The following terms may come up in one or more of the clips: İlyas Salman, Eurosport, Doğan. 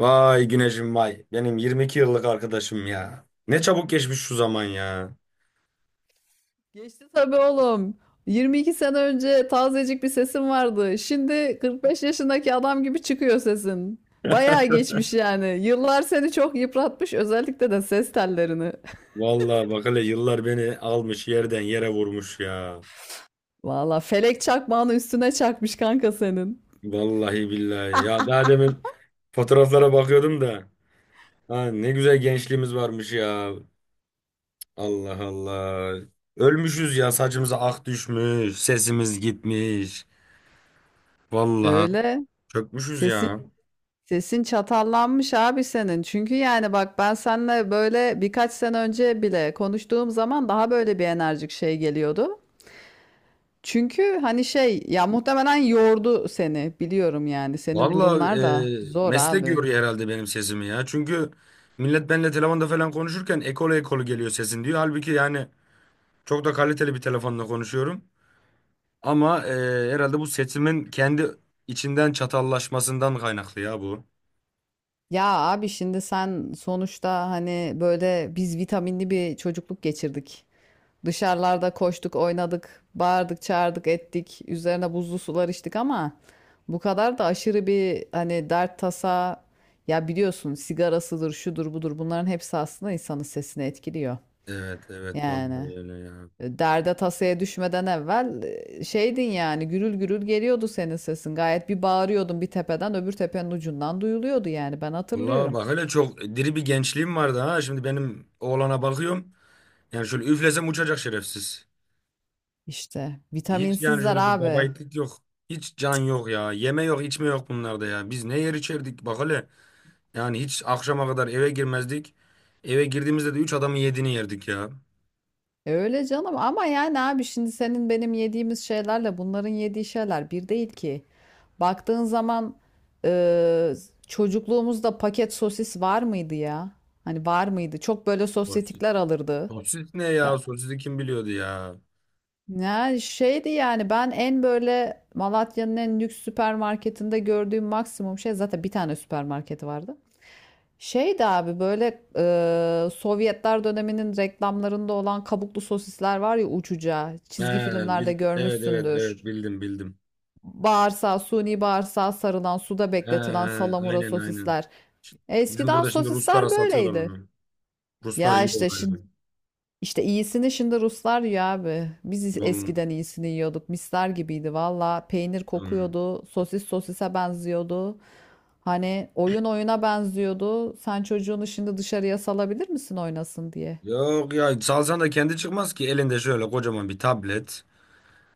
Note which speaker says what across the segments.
Speaker 1: Vay Güneş'im vay. Benim 22 yıllık arkadaşım ya. Ne çabuk geçmiş şu zaman ya.
Speaker 2: Geçti tabii oğlum. 22 sene önce tazecik bir sesin vardı. Şimdi 45 yaşındaki adam gibi çıkıyor sesin. Bayağı geçmiş yani. Yıllar seni çok yıpratmış, özellikle de ses tellerini.
Speaker 1: Vallahi bak hele yıllar beni almış yerden yere vurmuş ya.
Speaker 2: Valla felek çakmağını üstüne çakmış kanka senin.
Speaker 1: Vallahi billahi. Ya daha demin fotoğraflara bakıyordum da. Ha, ne güzel gençliğimiz varmış ya. Allah Allah. Ölmüşüz ya, saçımıza ak düşmüş. Sesimiz gitmiş. Vallahi
Speaker 2: Öyle.
Speaker 1: çökmüşüz
Speaker 2: Sesin
Speaker 1: ya.
Speaker 2: sesin çatallanmış abi senin. Çünkü yani bak ben seninle böyle birkaç sene önce bile konuştuğum zaman daha böyle bir enerjik şey geliyordu. Çünkü hani şey ya muhtemelen yordu seni biliyorum yani senin
Speaker 1: Vallahi
Speaker 2: durumlar da zor
Speaker 1: meslek
Speaker 2: abi.
Speaker 1: yoruyor herhalde benim sesimi ya. Çünkü millet benimle telefonda falan konuşurken ekolu ekolu geliyor sesin diyor. Halbuki yani çok da kaliteli bir telefonla konuşuyorum. Ama herhalde bu sesimin kendi içinden çatallaşmasından kaynaklı ya bu.
Speaker 2: Ya abi şimdi sen sonuçta hani böyle biz vitaminli bir çocukluk geçirdik. Dışarılarda koştuk, oynadık, bağırdık, çağırdık, ettik. Üzerine buzlu sular içtik ama bu kadar da aşırı bir hani dert tasa ya biliyorsun sigarasıdır, şudur budur bunların hepsi aslında insanın sesini etkiliyor.
Speaker 1: Evet evet,
Speaker 2: Yani
Speaker 1: vallahi öyle ya.
Speaker 2: Derde tasaya düşmeden evvel şeydin yani gürül gürül geliyordu senin sesin. Gayet bir bağırıyordun, bir tepeden öbür tepenin ucundan duyuluyordu yani ben
Speaker 1: Vallahi
Speaker 2: hatırlıyorum.
Speaker 1: bak hele, çok diri bir gençliğim vardı ha. Şimdi benim oğlana bakıyorum. Yani şöyle üflesem uçacak şerefsiz.
Speaker 2: İşte
Speaker 1: Hiç yani
Speaker 2: vitaminsizler
Speaker 1: şöyle bir
Speaker 2: abi.
Speaker 1: babayiğitlik yok. Hiç can yok ya. Yeme yok, içme yok bunlarda ya. Biz ne yer içerdik bak hele. Yani hiç akşama kadar eve girmezdik. Eve girdiğimizde de üç adamın yediğini yerdik ya.
Speaker 2: E öyle canım ama yani abi şimdi senin benim yediğimiz şeylerle bunların yediği şeyler bir değil ki. Baktığın zaman e, çocukluğumuzda paket sosis var mıydı ya? Hani var mıydı? Çok böyle
Speaker 1: Sosis.
Speaker 2: sosyetikler alırdı.
Speaker 1: Sosis ne ya? Sosisi kim biliyordu ya?
Speaker 2: Ya şeydi yani ben en böyle Malatya'nın en lüks süpermarketinde gördüğüm maksimum şey, zaten bir tane süpermarketi vardı. Şeydi abi böyle Sovyetler döneminin reklamlarında olan kabuklu sosisler var ya, uçuca
Speaker 1: He,
Speaker 2: çizgi filmlerde
Speaker 1: evet evet
Speaker 2: görmüşsündür.
Speaker 1: evet, bildim bildim.
Speaker 2: Bağırsağı, suni bağırsağa sarılan, suda
Speaker 1: He,
Speaker 2: bekletilen salamura
Speaker 1: aynen aynen.
Speaker 2: sosisler.
Speaker 1: Ş- Bizim
Speaker 2: Eskiden
Speaker 1: burada şimdi Ruslara
Speaker 2: sosisler
Speaker 1: satıyorlar
Speaker 2: böyleydi.
Speaker 1: onu. Ruslar
Speaker 2: Ya
Speaker 1: yiyor
Speaker 2: işte
Speaker 1: öyle.
Speaker 2: İşte iyisini şimdi Ruslar yiyor abi. Biz
Speaker 1: Vallahi.
Speaker 2: eskiden iyisini yiyorduk. Misler gibiydi valla. Peynir
Speaker 1: Hmm.
Speaker 2: kokuyordu. Sosis sosise benziyordu. Hani oyun oyuna benziyordu. Sen çocuğunu şimdi dışarıya salabilir misin oynasın diye?
Speaker 1: Yok ya, salsan da kendi çıkmaz ki elinde şöyle kocaman bir tablet.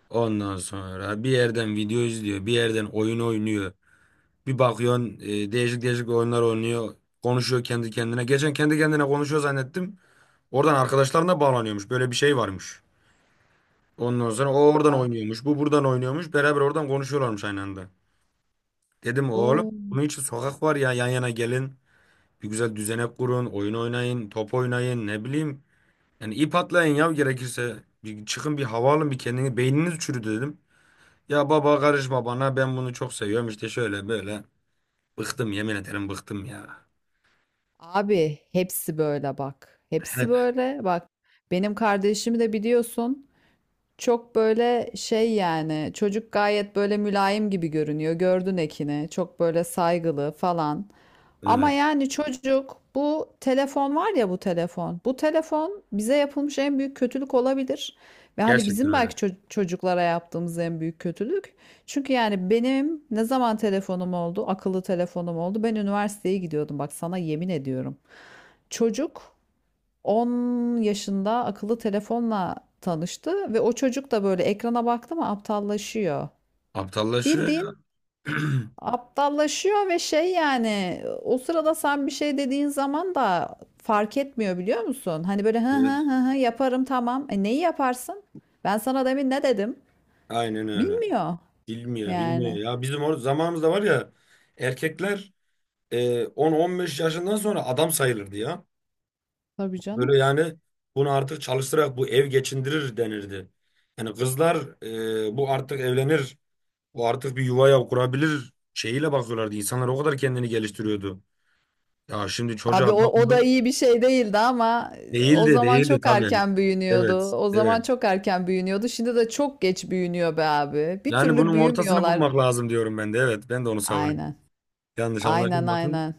Speaker 1: Ondan sonra bir yerden video izliyor, bir yerden oyun oynuyor. Bir bakıyorsun değişik değişik oyunlar oynuyor. Konuşuyor kendi kendine. Geçen kendi kendine konuşuyor zannettim. Oradan arkadaşlarına bağlanıyormuş. Böyle bir şey varmış. Ondan sonra o oradan
Speaker 2: Allah.
Speaker 1: oynuyormuş. Bu buradan oynuyormuş. Beraber oradan konuşuyorlarmış aynı anda. Dedim oğlum,
Speaker 2: Abo.
Speaker 1: bunun için sokak var ya, yan yana gelin. Bir güzel düzenek kurun. Oyun oynayın. Top oynayın. Ne bileyim. Yani ip atlayın ya, gerekirse. Bir çıkın, bir hava alın. Bir kendini beyniniz çürüdü dedim. Ya baba karışma bana, ben bunu çok seviyorum işte, şöyle böyle. Bıktım, yemin ederim, bıktım ya.
Speaker 2: Abi hepsi böyle bak. Hepsi
Speaker 1: Hep
Speaker 2: böyle bak. Benim kardeşimi de biliyorsun. Çok böyle şey, yani çocuk gayet böyle mülayim gibi görünüyor. Gördün Ekin'i. Çok böyle saygılı falan. Ama
Speaker 1: evet.
Speaker 2: yani çocuk, bu telefon var ya, bu telefon. Bu telefon bize yapılmış en büyük kötülük olabilir. Ve hani
Speaker 1: Gerçekten
Speaker 2: bizim
Speaker 1: öyle.
Speaker 2: belki çocuklara yaptığımız en büyük kötülük. Çünkü yani benim ne zaman telefonum oldu, akıllı telefonum oldu? Ben üniversiteye gidiyordum, bak sana yemin ediyorum. Çocuk 10 yaşında akıllı telefonla tanıştı ve o çocuk da böyle ekrana baktı mı aptallaşıyor.
Speaker 1: Aptallaşıyor ya.
Speaker 2: Bildiğin aptallaşıyor ve şey, yani o sırada sen bir şey dediğin zaman da fark etmiyor, biliyor musun? Hani böyle hı hı
Speaker 1: Evet.
Speaker 2: hı hı yaparım tamam. E neyi yaparsın? Ben sana demin ne dedim?
Speaker 1: Aynen öyle.
Speaker 2: Bilmiyor
Speaker 1: Bilmiyor, bilmiyor
Speaker 2: yani.
Speaker 1: ya. Bizim or zamanımızda var ya, erkekler 10-15 yaşından sonra adam sayılırdı ya.
Speaker 2: Tabii
Speaker 1: Böyle
Speaker 2: canım.
Speaker 1: yani, bunu artık çalıştırarak bu ev geçindirir denirdi. Yani kızlar bu artık evlenir. Bu artık bir yuvaya kurabilir şeyiyle bakıyorlardı. İnsanlar o kadar kendini geliştiriyordu. Ya şimdi
Speaker 2: Abi
Speaker 1: çocuğa
Speaker 2: o da
Speaker 1: bakıyorum.
Speaker 2: iyi bir şey değildi ama
Speaker 1: Değil
Speaker 2: o
Speaker 1: de,
Speaker 2: zaman
Speaker 1: değil de
Speaker 2: çok
Speaker 1: tabii.
Speaker 2: erken
Speaker 1: Evet,
Speaker 2: büyünüyordu. O zaman
Speaker 1: evet.
Speaker 2: çok erken büyünüyordu. Şimdi de çok geç büyünüyor be abi. Bir
Speaker 1: Yani
Speaker 2: türlü
Speaker 1: bunun ortasını
Speaker 2: büyümüyorlar.
Speaker 1: bulmak lazım diyorum ben de. Evet, ben de onu savunuyorum.
Speaker 2: Aynen.
Speaker 1: Yanlış
Speaker 2: Aynen,
Speaker 1: anlaşılmasın.
Speaker 2: aynen.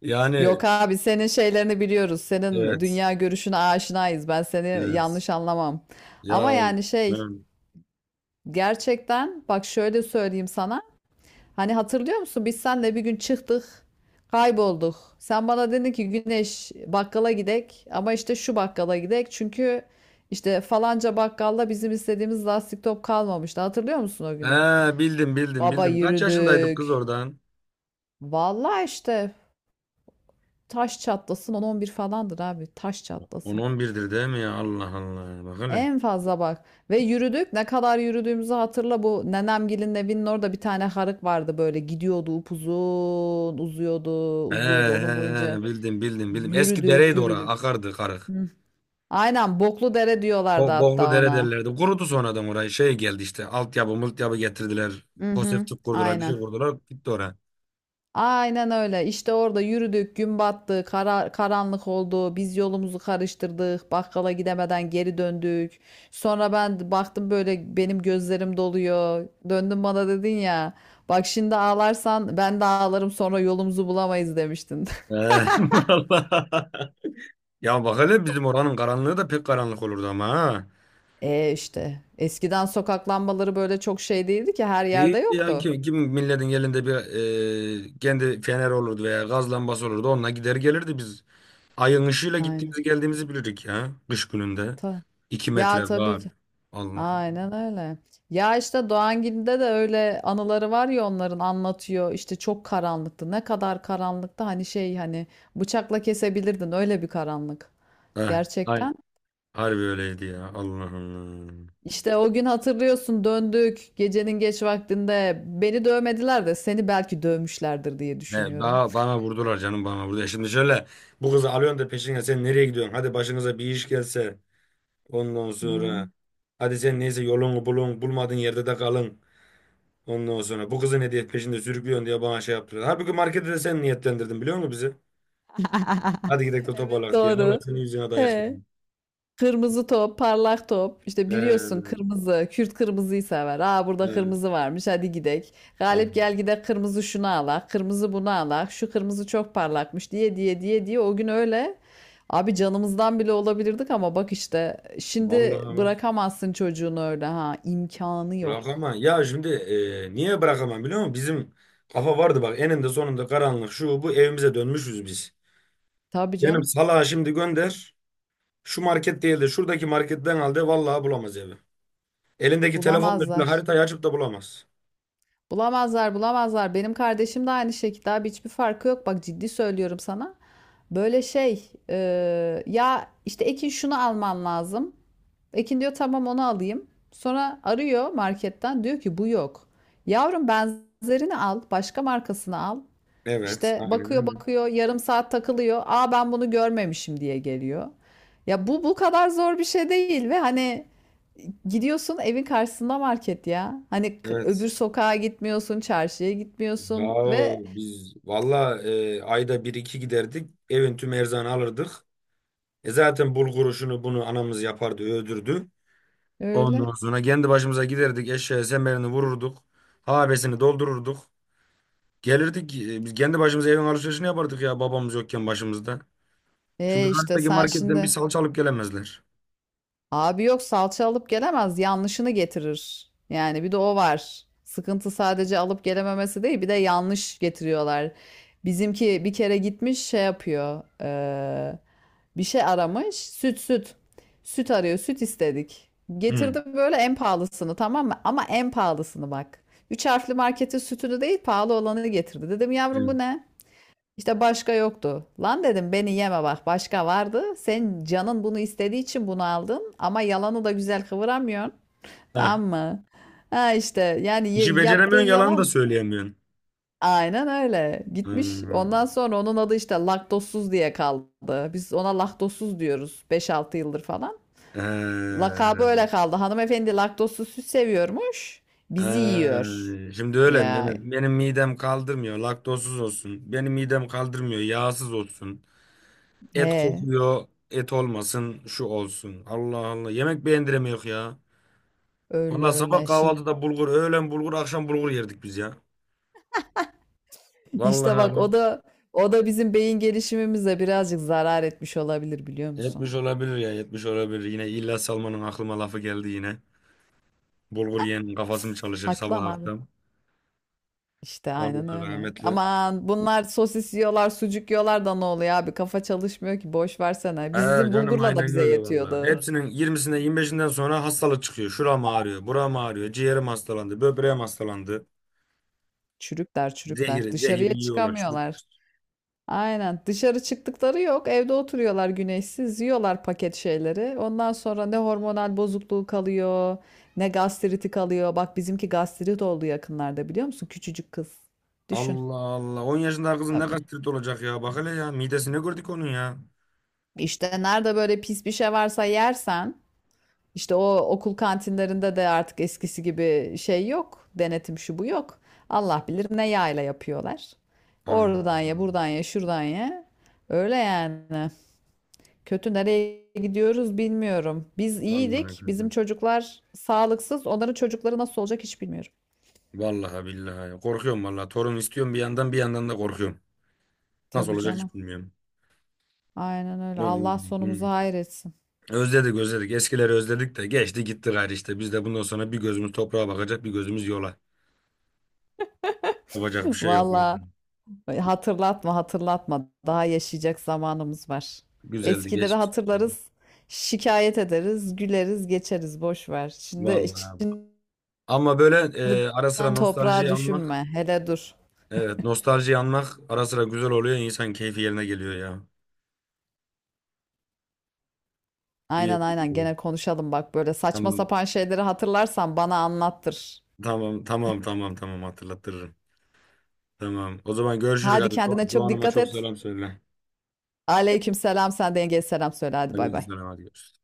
Speaker 1: Yani
Speaker 2: Yok abi, senin şeylerini biliyoruz. Senin
Speaker 1: evet,
Speaker 2: dünya görüşüne aşinayız. Ben seni
Speaker 1: evet.
Speaker 2: yanlış anlamam. Ama
Speaker 1: Ya
Speaker 2: yani şey,
Speaker 1: ben...
Speaker 2: gerçekten bak şöyle söyleyeyim sana. Hani hatırlıyor musun? Biz seninle bir gün çıktık. Kaybolduk. Sen bana dedin ki, Güneş bakkala gidek ama işte şu bakkala gidek. Çünkü işte falanca bakkalda bizim istediğimiz lastik top kalmamıştı. Hatırlıyor musun o
Speaker 1: He,
Speaker 2: günü?
Speaker 1: bildim bildim
Speaker 2: Baba
Speaker 1: bildim. Kaç yaşındaydık kız
Speaker 2: yürüdük.
Speaker 1: oradan?
Speaker 2: Vallahi işte, taş çatlasın 10-11 falandır abi. Taş
Speaker 1: On
Speaker 2: çatlasın.
Speaker 1: on birdir değil mi ya? Allah Allah. Bak hele.
Speaker 2: En fazla bak. Ve yürüdük. Ne kadar yürüdüğümüzü hatırla. Bu nenemgilin evinin orada bir tane harık vardı böyle. Gidiyordu upuzun. Uzuyordu.
Speaker 1: He, he,
Speaker 2: Uzuyordu. Onun
Speaker 1: he.
Speaker 2: boyunca
Speaker 1: Bildim bildim bildim. Eski
Speaker 2: yürüdük
Speaker 1: dereydi ora.
Speaker 2: yürüdük.
Speaker 1: Akardı karık.
Speaker 2: Hı. Aynen. Boklu dere diyorlardı
Speaker 1: Boğlu
Speaker 2: hatta
Speaker 1: dere
Speaker 2: ona.
Speaker 1: derlerdi. Kurudu sonradan orayı. Şey geldi işte. Altyapı multyapı getirdiler.
Speaker 2: Hı hı.
Speaker 1: Konseptlik kurdular. Bir şey
Speaker 2: Aynen.
Speaker 1: kurdular. Gitti oraya.
Speaker 2: Aynen öyle. İşte orada yürüdük, gün battı, karanlık oldu. Biz yolumuzu karıştırdık. Bakkala gidemeden geri döndük. Sonra ben baktım böyle, benim gözlerim doluyor. Döndün bana dedin ya, bak şimdi ağlarsan ben de ağlarım, sonra yolumuzu bulamayız, demiştin.
Speaker 1: Ee, vallahi. Ya bak hele, bizim oranın karanlığı da pek karanlık olurdu ama ha.
Speaker 2: E işte eskiden sokak lambaları böyle çok şey değildi ki, her
Speaker 1: İyi
Speaker 2: yerde
Speaker 1: ya,
Speaker 2: yoktu.
Speaker 1: kim milletin elinde bir kendi fener olurdu veya gaz lambası olurdu. Onunla gider gelirdi biz. Ayın ışığıyla
Speaker 2: Aynen.
Speaker 1: gittiğimizi geldiğimizi bilirdik ya. Kış gününde.
Speaker 2: Ta-
Speaker 1: İki
Speaker 2: ya
Speaker 1: metre
Speaker 2: tabii.
Speaker 1: var. Allah.
Speaker 2: Aynen öyle. Ya işte Doğangil'de de öyle anıları var ya, onların anlatıyor. İşte çok karanlıktı. Ne kadar karanlıktı, hani şey hani bıçakla kesebilirdin öyle bir karanlık.
Speaker 1: Heh, hay-
Speaker 2: Gerçekten.
Speaker 1: harbi öyleydi ya. Allah Allah.
Speaker 2: İşte o gün hatırlıyorsun, döndük gecenin geç vaktinde. Beni dövmediler de seni belki dövmüşlerdir diye
Speaker 1: Ne,
Speaker 2: düşünüyorum.
Speaker 1: daha bana vurdular canım, bana vurdu. E, şimdi şöyle, bu kızı alıyorsun da peşine, sen nereye gidiyorsun? Hadi başınıza bir iş gelse ondan sonra.
Speaker 2: Ne?
Speaker 1: Hadi sen neyse, yolunu bulun, bulmadığın yerde de kalın. Ondan sonra bu kızı ne diye peşinde sürüklüyorsun diye bana şey yaptılar. Halbuki markete de sen niyetlendirdin biliyor musun bizi? Hadi gidelim de
Speaker 2: Evet,
Speaker 1: toparlak diye. Vallahi
Speaker 2: doğru.
Speaker 1: senin yüzüne dayak
Speaker 2: He.
Speaker 1: yedim.
Speaker 2: Kırmızı top, parlak top. İşte biliyorsun,
Speaker 1: Ee,
Speaker 2: kırmızı, Kürt kırmızıyı sever. Aa burada
Speaker 1: ee,
Speaker 2: kırmızı varmış, hadi gidek. Galip gel
Speaker 1: tamam.
Speaker 2: gidek, kırmızı şunu alak, kırmızı bunu alak, şu kırmızı çok parlakmış diye diye diye diye o gün öyle. Abi canımızdan bile olabilirdik ama bak, işte şimdi
Speaker 1: Vallahi ama
Speaker 2: bırakamazsın çocuğunu öyle, ha, imkanı yok.
Speaker 1: bırakamam. Ya şimdi niye bırakamam biliyor musun? Bizim kafa vardı bak, eninde sonunda karanlık şu bu evimize dönmüşüz biz.
Speaker 2: Tabii
Speaker 1: Benim
Speaker 2: canım,
Speaker 1: salağa şimdi gönder. Şu market değil de şuradaki marketten al de, vallahi bulamaz evi. Elindeki telefonla şöyle
Speaker 2: bulamazlar.
Speaker 1: haritayı açıp da bulamaz.
Speaker 2: Bulamazlar, bulamazlar. Benim kardeşim de aynı şekilde abi, hiçbir farkı yok. Bak ciddi söylüyorum sana. Böyle şey ya işte Ekin şunu alman lazım. Ekin diyor tamam, onu alayım. Sonra arıyor marketten, diyor ki bu yok. Yavrum benzerini al, başka markasını al.
Speaker 1: Evet,
Speaker 2: İşte
Speaker 1: aynen
Speaker 2: bakıyor
Speaker 1: öyle.
Speaker 2: bakıyor yarım saat takılıyor. Aa ben bunu görmemişim diye geliyor. Ya bu kadar zor bir şey değil ve hani gidiyorsun, evin karşısında market ya. Hani
Speaker 1: Evet.
Speaker 2: öbür sokağa gitmiyorsun, çarşıya
Speaker 1: Ya
Speaker 2: gitmiyorsun ve
Speaker 1: biz valla ayda bir iki giderdik. Evin tüm erzağını alırdık. E zaten bulguru şunu bunu anamız yapardı, öldürdü. Ondan
Speaker 2: öyle.
Speaker 1: sonra kendi başımıza giderdik. Eşeğe semerini vururduk. Habesini doldururduk. Gelirdik. Biz kendi başımıza evin alışverişini yapardık ya, babamız yokken başımızda. Şimdi
Speaker 2: E işte
Speaker 1: karşıdaki
Speaker 2: sen
Speaker 1: marketten bir
Speaker 2: şimdi,
Speaker 1: salça alıp gelemezler.
Speaker 2: abi, yok salça alıp gelemez, yanlışını getirir. Yani bir de o var. Sıkıntı sadece alıp gelememesi değil, bir de yanlış getiriyorlar. Bizimki bir kere gitmiş şey yapıyor. Bir şey aramış, süt süt. Süt arıyor, süt istedik.
Speaker 1: Hı.
Speaker 2: Getirdim böyle en pahalısını, tamam mı? Ama en pahalısını bak. Üç harfli marketin sütünü değil, pahalı olanını getirdi. Dedim, yavrum
Speaker 1: Hı.
Speaker 2: bu ne? İşte başka yoktu. Lan dedim, beni yeme bak, başka vardı. Sen canın bunu istediği için bunu aldın ama yalanı da güzel kıvıramıyorsun.
Speaker 1: Heh.
Speaker 2: Tamam mı? Ha işte yani
Speaker 1: İşi
Speaker 2: yaptığın
Speaker 1: beceremiyorsun, yalan da
Speaker 2: yalan,
Speaker 1: söyleyemiyorsun.
Speaker 2: aynen öyle. Gitmiş, ondan
Speaker 1: Hmm.
Speaker 2: sonra onun adı işte laktozsuz diye kaldı. Biz ona laktozsuz diyoruz 5-6 yıldır falan. Lakabı
Speaker 1: Ee,
Speaker 2: öyle kaldı. Hanımefendi laktozsuz süt seviyormuş. Bizi yiyor.
Speaker 1: Şimdi öyle mi?
Speaker 2: Ya
Speaker 1: Mehmet? Benim midem kaldırmıyor, laktozsuz olsun. Benim midem kaldırmıyor, yağsız olsun. Et
Speaker 2: he,
Speaker 1: kokuyor, et olmasın, şu olsun. Allah Allah. Yemek beğendiremiyor ya.
Speaker 2: öyle
Speaker 1: Vallahi sabah
Speaker 2: öyle. Şimdi,
Speaker 1: kahvaltıda bulgur, öğlen bulgur, akşam bulgur yerdik biz ya. Vallahi
Speaker 2: İşte bak,
Speaker 1: abi.
Speaker 2: o da o da bizim beyin gelişimimize birazcık zarar etmiş olabilir, biliyor musun?
Speaker 1: Yetmiş olabilir ya, yetmiş olabilir. Yine İlyas Salman'ın aklıma lafı geldi yine. Bulgur yiyenin kafası mı çalışır
Speaker 2: Haklı
Speaker 1: sabah
Speaker 2: ama abi.
Speaker 1: akşam?
Speaker 2: İşte aynen
Speaker 1: Vallahi
Speaker 2: öyle.
Speaker 1: rahmetli.
Speaker 2: Aman, bunlar sosis yiyorlar, sucuk yiyorlar da ne oluyor abi? Kafa çalışmıyor ki, boş versene.
Speaker 1: Ee,
Speaker 2: Bizim
Speaker 1: Canım
Speaker 2: bulgurla da
Speaker 1: aynen
Speaker 2: bize
Speaker 1: öyle vallahi.
Speaker 2: yetiyordu.
Speaker 1: Hepsinin 20'sine 25'inden sonra hastalık çıkıyor. Şuram ağrıyor, buram ağrıyor, ciğerim hastalandı, böbreğim hastalandı.
Speaker 2: Çürükler çürükler.
Speaker 1: Zehiri,
Speaker 2: Dışarıya
Speaker 1: zehiri yiyorlar çocuklar.
Speaker 2: çıkamıyorlar. Aynen. Dışarı çıktıkları yok. Evde oturuyorlar güneşsiz. Yiyorlar paket şeyleri. Ondan sonra ne hormonal bozukluğu kalıyor, ne gastriti kalıyor. Bak bizimki gastrit oldu yakınlarda, biliyor musun? Küçücük kız. Düşün.
Speaker 1: Allah Allah. 10 yaşında kızın ne
Speaker 2: Tabii.
Speaker 1: gastrit olacak ya. Bak hele ya. Midesi ne gördük onun ya.
Speaker 2: İşte nerede böyle pis bir şey varsa yersen, işte o okul kantinlerinde de artık eskisi gibi şey yok. Denetim şu bu yok. Allah bilir ne yağla yapıyorlar.
Speaker 1: Aman.
Speaker 2: Oradan ye, buradan ye, şuradan ye. Öyle yani. Kötü, nereye gidiyoruz bilmiyorum. Biz
Speaker 1: Vallahi
Speaker 2: iyiydik. Bizim
Speaker 1: kadın.
Speaker 2: çocuklar sağlıksız. Onların çocukları nasıl olacak hiç bilmiyorum.
Speaker 1: Vallahi billahi. Korkuyorum vallahi. Torun istiyorum bir yandan, bir yandan da korkuyorum. Nasıl
Speaker 2: Tabii
Speaker 1: olacak
Speaker 2: canım.
Speaker 1: hiç bilmiyorum.
Speaker 2: Aynen öyle. Allah
Speaker 1: Vallahi.
Speaker 2: sonumuzu hayretsin.
Speaker 1: Özledik, özledik. Eskileri özledik de geçti gitti gayrı işte. Biz de bundan sonra bir gözümüz toprağa bakacak, bir gözümüz yola. Yapacak bir şey yok, yani.
Speaker 2: Valla hatırlatma, hatırlatma. Daha yaşayacak zamanımız var.
Speaker 1: Güzeldi
Speaker 2: Eskileri
Speaker 1: geçmiş.
Speaker 2: hatırlarız. Şikayet ederiz, güleriz, geçeriz. Boş ver. Şimdi,
Speaker 1: Vallahi, abi.
Speaker 2: şimdi
Speaker 1: Ama böyle ara sıra
Speaker 2: toprağa
Speaker 1: nostaljiyi anmak,
Speaker 2: düşünme. Hele dur.
Speaker 1: evet, nostaljiyi anmak ara sıra güzel oluyor. İnsan keyfi yerine geliyor ya. İyi.
Speaker 2: Aynen, aynen,
Speaker 1: Oldu.
Speaker 2: gene konuşalım bak, böyle saçma
Speaker 1: Tamam.
Speaker 2: sapan şeyleri hatırlarsan bana anlattır.
Speaker 1: Tamam tamam tamam tamam, hatırlatırım. Tamam. O zaman görüşürüz
Speaker 2: Hadi
Speaker 1: hadi.
Speaker 2: kendine çok
Speaker 1: Doğan'ıma
Speaker 2: dikkat
Speaker 1: çok
Speaker 2: et.
Speaker 1: selam söyle.
Speaker 2: Aleyküm selam. Sen de yengeye selam söyle. Hadi bay bay.
Speaker 1: Aleykümselam, hadi görüşürüz.